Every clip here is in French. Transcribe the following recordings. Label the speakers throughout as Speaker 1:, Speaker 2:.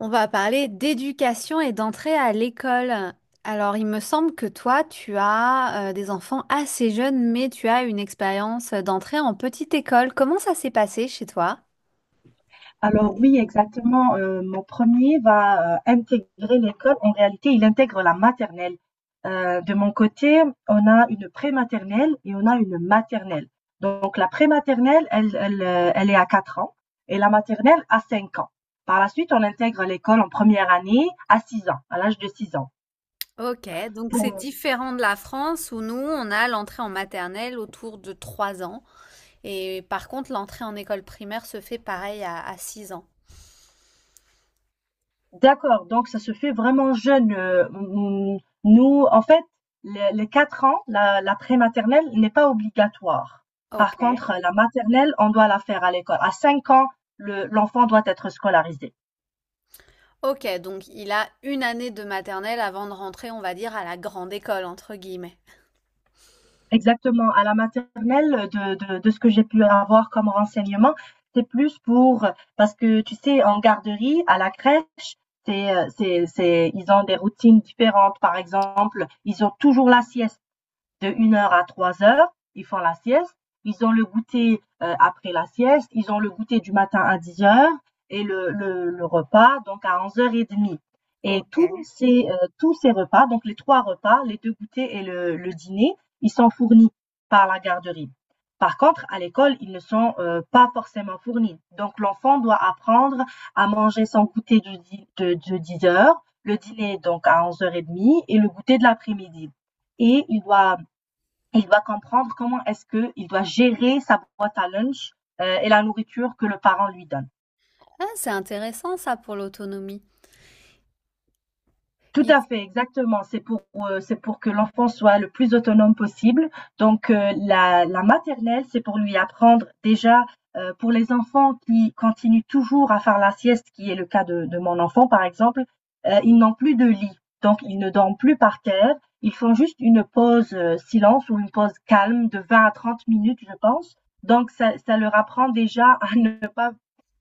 Speaker 1: On va parler d'éducation et d'entrée à l'école. Alors, il me semble que toi, tu as des enfants assez jeunes, mais tu as une expérience d'entrée en petite école. Comment ça s'est passé chez toi?
Speaker 2: Alors oui, exactement. Mon premier va intégrer l'école. En réalité, il intègre la maternelle. De mon côté, on a une prématernelle et on a une maternelle. Donc la prématernelle, elle est à 4 ans et la maternelle à 5 ans. Par la suite, on intègre l'école en première année à 6 ans, à l'âge de 6 ans.
Speaker 1: Ok, donc c'est différent de la France où nous, on a l'entrée en maternelle autour de 3 ans. Et par contre, l'entrée en école primaire se fait pareil à 6 ans.
Speaker 2: D'accord, donc ça se fait vraiment jeune. Nous, en fait, les 4 ans, la prématernelle n'est pas obligatoire.
Speaker 1: Ok.
Speaker 2: Par contre, la maternelle, on doit la faire à l'école. À 5 ans, l'enfant doit être scolarisé.
Speaker 1: Ok, donc il a une année de maternelle avant de rentrer, on va dire, à la grande école, entre guillemets.
Speaker 2: Exactement, à la maternelle, de ce que j'ai pu avoir comme renseignement, c'est plus pour, parce que tu sais, en garderie, à la crèche, c'est, ils ont des routines différentes. Par exemple, ils ont toujours la sieste. De 1 heure à 3 heures, ils font la sieste. Ils ont le goûter après la sieste. Ils ont le goûter du matin à 10 heures et le repas donc à 11h30. Et tous
Speaker 1: Ok.
Speaker 2: ces, euh, tous ces repas, donc les trois repas, les deux goûters et le dîner, ils sont fournis par la garderie. Par contre, à l'école, ils ne sont pas forcément fournis. Donc, l'enfant doit apprendre à manger son goûter de 10 heures, le dîner donc à 11h30 et le goûter de l'après-midi. Et il doit comprendre comment est-ce qu'il doit gérer sa boîte à lunch et la nourriture que le parent lui donne.
Speaker 1: Ah, c'est intéressant ça pour l'autonomie.
Speaker 2: Tout
Speaker 1: Il-
Speaker 2: à fait, exactement. C'est pour que l'enfant soit le plus autonome possible. Donc, la maternelle, c'est pour lui apprendre déjà, pour les enfants qui continuent toujours à faire la sieste, qui est le cas de mon enfant, par exemple, ils n'ont plus de lit. Donc ils ne dorment plus par terre. Ils font juste une pause, silence ou une pause calme de 20 à 30 minutes, je pense. Donc ça leur apprend déjà à ne pas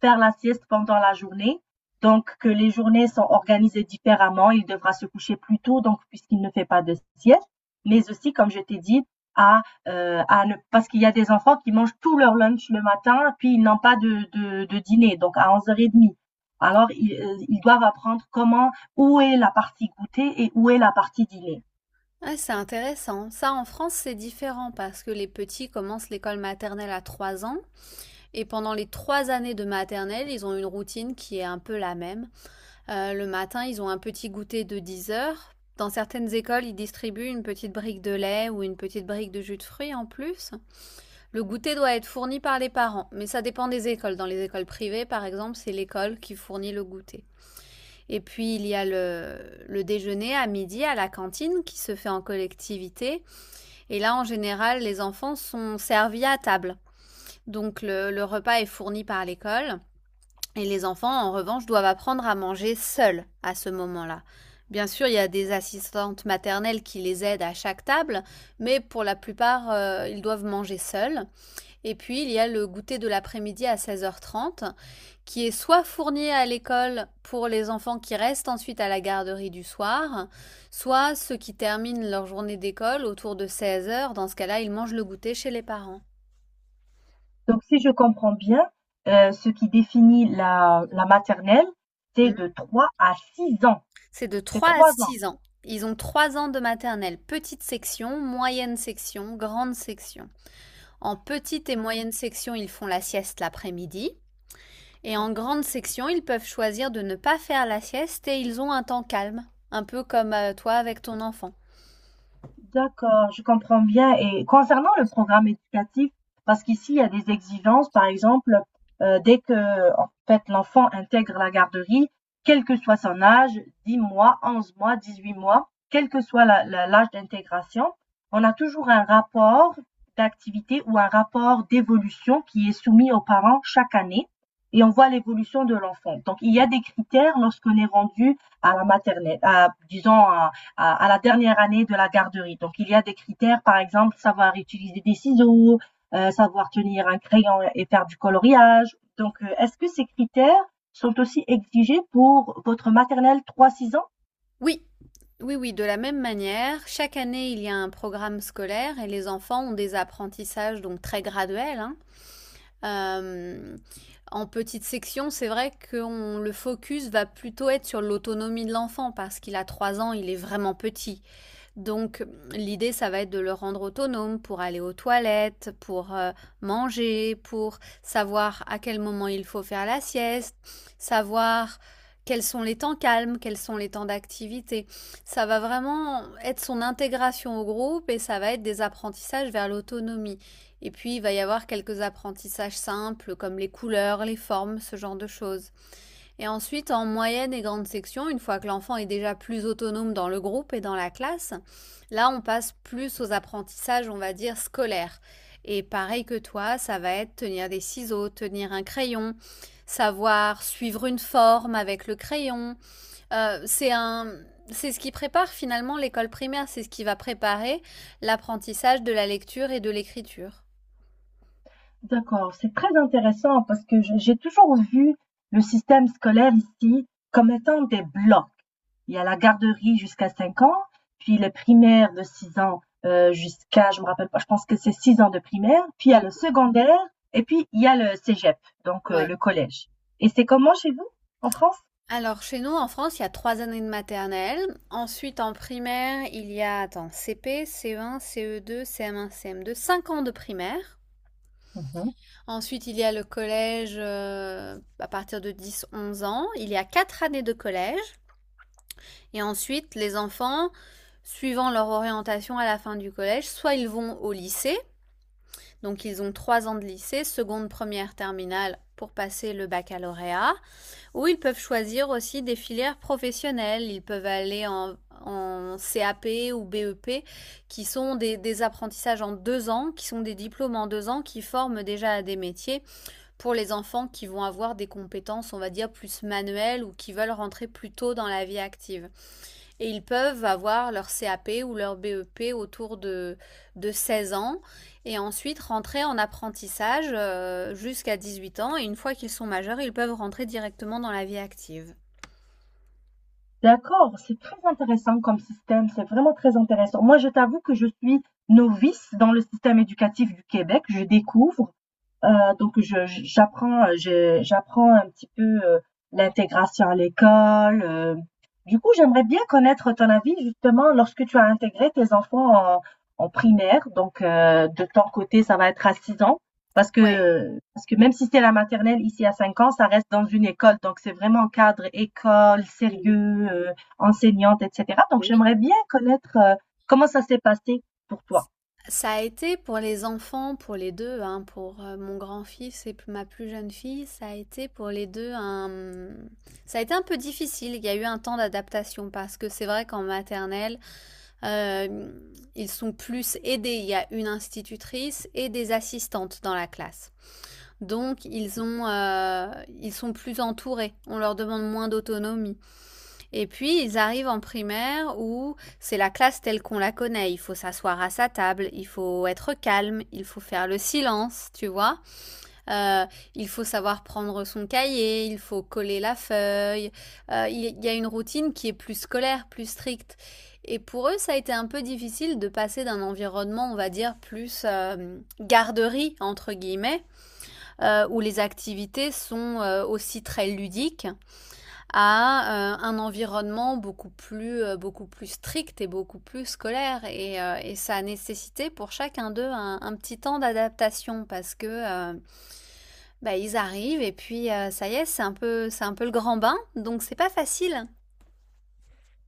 Speaker 2: faire la sieste pendant la journée. Donc, que les journées sont organisées différemment. Il devra se coucher plus tôt, donc, puisqu'il ne fait pas de sieste. Mais aussi, comme je t'ai dit, à ne, parce qu'il y a des enfants qui mangent tout leur lunch le matin, puis ils n'ont pas de dîner, donc à 11h30. Alors, ils doivent apprendre comment, où est la partie goûter et où est la partie dîner.
Speaker 1: Ah, c'est intéressant. Ça, en France, c'est différent parce que les petits commencent l'école maternelle à 3 ans et pendant les 3 années de maternelle, ils ont une routine qui est un peu la même. Le matin, ils ont un petit goûter de 10 heures. Dans certaines écoles, ils distribuent une petite brique de lait ou une petite brique de jus de fruits en plus. Le goûter doit être fourni par les parents, mais ça dépend des écoles. Dans les écoles privées, par exemple, c'est l'école qui fournit le goûter. Et puis il y a le déjeuner à midi à la cantine qui se fait en collectivité. Et là, en général, les enfants sont servis à table. Donc le repas est fourni par l'école. Et les enfants, en revanche, doivent apprendre à manger seuls à ce moment-là. Bien sûr, il y a des assistantes maternelles qui les aident à chaque table, mais pour la plupart, ils doivent manger seuls. Et puis, il y a le goûter de l'après-midi à seize heures trente qui est soit fourni à l'école pour les enfants qui restent ensuite à la garderie du soir, soit ceux qui terminent leur journée d'école autour de 16 heures. Dans ce cas-là, ils mangent le goûter chez les parents.
Speaker 2: Donc, si je comprends bien, ce qui définit la maternelle, c'est de
Speaker 1: Mm.
Speaker 2: 3 à 6 ans.
Speaker 1: C'est de
Speaker 2: C'est
Speaker 1: 3 à
Speaker 2: 3 ans.
Speaker 1: 6 ans. Ils ont 3 ans de maternelle, petite section, moyenne section, grande section. En petite et moyenne section, ils font la sieste l'après-midi. Et en
Speaker 2: D'accord.
Speaker 1: grande section, ils peuvent choisir de ne pas faire la sieste et ils ont un temps calme, un peu comme toi avec ton enfant.
Speaker 2: D'accord, je comprends bien. Et concernant le programme éducatif, parce qu'ici, il y a des exigences, par exemple, dès que en fait, l'enfant intègre la garderie, quel que soit son âge, 10 mois, 11 mois, 18 mois, quel que soit l'âge d'intégration, on a toujours un rapport d'activité ou un rapport d'évolution qui est soumis aux parents chaque année et on voit l'évolution de l'enfant. Donc, il y a des critères lorsqu'on est rendu à la maternelle, à, disons, à la dernière année de la garderie. Donc il y a des critères, par exemple, savoir utiliser des ciseaux, savoir tenir un crayon et faire du coloriage. Donc est-ce que ces critères sont aussi exigés pour votre maternelle trois six ans?
Speaker 1: Oui, oui, oui, de la même manière, chaque année, il y a un programme scolaire et les enfants ont des apprentissages donc très graduels, hein. Euh, en petite section, c'est vrai que le focus va plutôt être sur l'autonomie de l'enfant parce qu'il a trois ans, il est vraiment petit. Donc l'idée, ça va être de le rendre autonome pour aller aux toilettes, pour manger, pour savoir à quel moment il faut faire la sieste, savoir quels sont les temps calmes, quels sont les temps d'activité. Ça va vraiment être son intégration au groupe et ça va être des apprentissages vers l'autonomie. Et puis il va y avoir quelques apprentissages simples comme les couleurs, les formes, ce genre de choses. Et ensuite, en moyenne et grande section, une fois que l'enfant est déjà plus autonome dans le groupe et dans la classe, là, on passe plus aux apprentissages, on va dire, scolaires. Et pareil que toi, ça va être tenir des ciseaux, tenir un crayon, savoir suivre une forme avec le crayon. Euh, c'est un, c'est ce qui prépare finalement l'école primaire, c'est ce qui va préparer l'apprentissage de la lecture et de l'écriture.
Speaker 2: D'accord, c'est très intéressant parce que j'ai toujours vu le système scolaire ici comme étant des blocs. Il y a la garderie jusqu'à 5 ans, puis le primaire de 6 ans jusqu'à, je me rappelle pas, je pense que c'est 6 ans de primaire, puis il y a le secondaire, et puis il y a le cégep, donc
Speaker 1: Ouais.
Speaker 2: le collège. Et c'est comment chez vous, en France?
Speaker 1: Alors, chez nous, en France, il y a trois années de maternelle. Ensuite, en primaire, il y a, attends, CP, CE1, CE2, CM1, CM2, 5 ans de primaire.
Speaker 2: Mhm.
Speaker 1: Ensuite, il y a le collège à partir de dix onze ans. Il y a quatre années de collège. Et ensuite, les enfants, suivant leur orientation à la fin du collège, soit ils vont au lycée. Donc, ils ont trois ans de lycée, seconde, première, terminale pour passer le baccalauréat. Ou ils peuvent choisir aussi des filières professionnelles. Ils peuvent aller en CAP ou BEP, qui sont des apprentissages en deux ans, qui sont des diplômes en deux ans, qui forment déjà à des métiers pour les enfants qui vont avoir des compétences, on va dire, plus manuelles ou qui veulent rentrer plus tôt dans la vie active. Et ils peuvent avoir leur CAP ou leur BEP autour de 16 ans et ensuite rentrer en apprentissage jusqu'à 18 ans. Et une fois qu'ils sont majeurs, ils peuvent rentrer directement dans la vie active.
Speaker 2: D'accord, c'est très intéressant comme système, c'est vraiment très intéressant. Moi, je t'avoue que je suis novice dans le système éducatif du Québec, je découvre. Donc je j j'apprends, je j'apprends un petit peu, l'intégration à l'école. Du coup, j'aimerais bien connaître ton avis justement lorsque tu as intégré tes enfants en primaire, donc de ton côté, ça va être à 6 ans parce
Speaker 1: Ouais.
Speaker 2: que, parce que même si c'est la maternelle ici à 5 ans, ça reste dans une école, donc c'est vraiment cadre école, sérieux, enseignante et cetera. Donc j'aimerais bien connaître, comment ça s'est passé pour toi?
Speaker 1: Ça a été pour les enfants, pour les deux, hein, pour mon grand-fils et ma plus jeune fille, ça a été pour les deux un... Ça a été un peu difficile, il y a eu un temps d'adaptation parce que c'est vrai qu'en maternelle, Euh, ils sont plus aidés. Il y a une institutrice et des assistantes dans la classe. Donc ils ils sont plus entourés. On leur demande moins d'autonomie. Et puis ils arrivent en primaire où c'est la classe telle qu'on la connaît. Il faut s'asseoir à sa table, il faut être calme, il faut faire le silence, tu vois. Euh, il faut savoir prendre son cahier, il faut coller la feuille. Il y a une routine qui est plus scolaire, plus stricte. Et pour eux, ça a été un peu difficile de passer d'un environnement, on va dire, plus garderie, entre guillemets, où les activités sont aussi très ludiques, à un environnement beaucoup plus strict et beaucoup plus scolaire. Et ça a nécessité pour chacun d'eux un petit temps d'adaptation parce que euh, bah, ils arrivent et puis ça y est, c'est un peu le grand bain, donc c'est pas facile.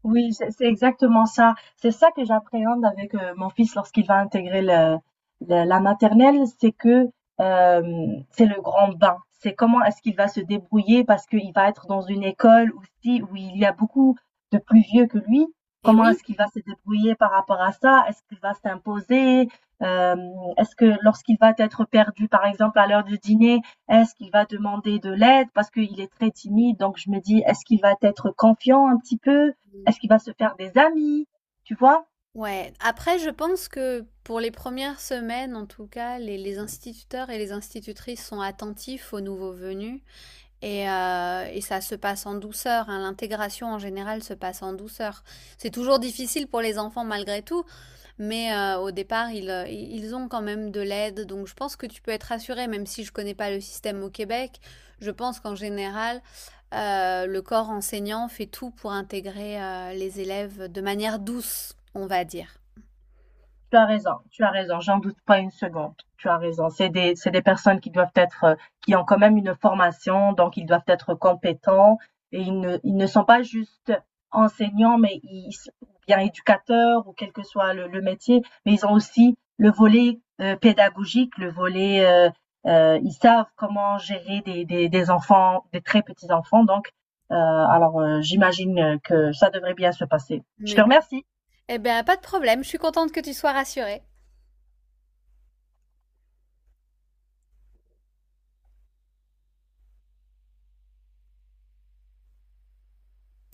Speaker 2: Oui, c'est exactement ça. C'est ça que j'appréhende avec mon fils lorsqu'il va intégrer la maternelle, c'est que euh, c'est le grand bain. C'est comment est-ce qu'il va se débrouiller parce qu'il va être dans une école aussi où il y a beaucoup de plus vieux que lui.
Speaker 1: Et
Speaker 2: Comment
Speaker 1: oui.
Speaker 2: est-ce qu'il va se débrouiller par rapport à ça? Est-ce qu'il va s'imposer? Euh, est-ce que lorsqu'il va être perdu, par exemple, à l'heure du dîner, est-ce qu'il va demander de l'aide parce qu'il est très timide? Donc je me dis, est-ce qu'il va être confiant un petit peu?
Speaker 1: Mmh.
Speaker 2: Est-ce qu'il va se faire des amis? Tu vois?
Speaker 1: Ouais, après je pense que pour les premières semaines, en tout cas, les instituteurs et les institutrices sont attentifs aux nouveaux venus et ça se passe en douceur, hein. L'intégration en général se passe en douceur. C'est toujours difficile pour les enfants malgré tout, mais au départ, ils ont quand même de l'aide, donc je pense que tu peux être rassurée. Même si je ne connais pas le système au Québec. Je pense qu'en général, le corps enseignant fait tout pour intégrer les élèves de manière douce, on va dire.
Speaker 2: Tu as raison, j'en doute pas une seconde. Tu as raison. C'est des personnes qui doivent être, qui ont quand même une formation, donc ils doivent être compétents et ils ne sont pas juste enseignants, mais ils, ou bien éducateurs ou quel que soit le métier, mais ils ont aussi le volet pédagogique, le volet, ils savent comment gérer des enfants, des très petits enfants. Donc, alors, j'imagine que ça devrait bien se passer. Je
Speaker 1: Mais
Speaker 2: te
Speaker 1: bien.
Speaker 2: remercie.
Speaker 1: Eh bien, pas de problème, je suis contente que tu sois rassurée.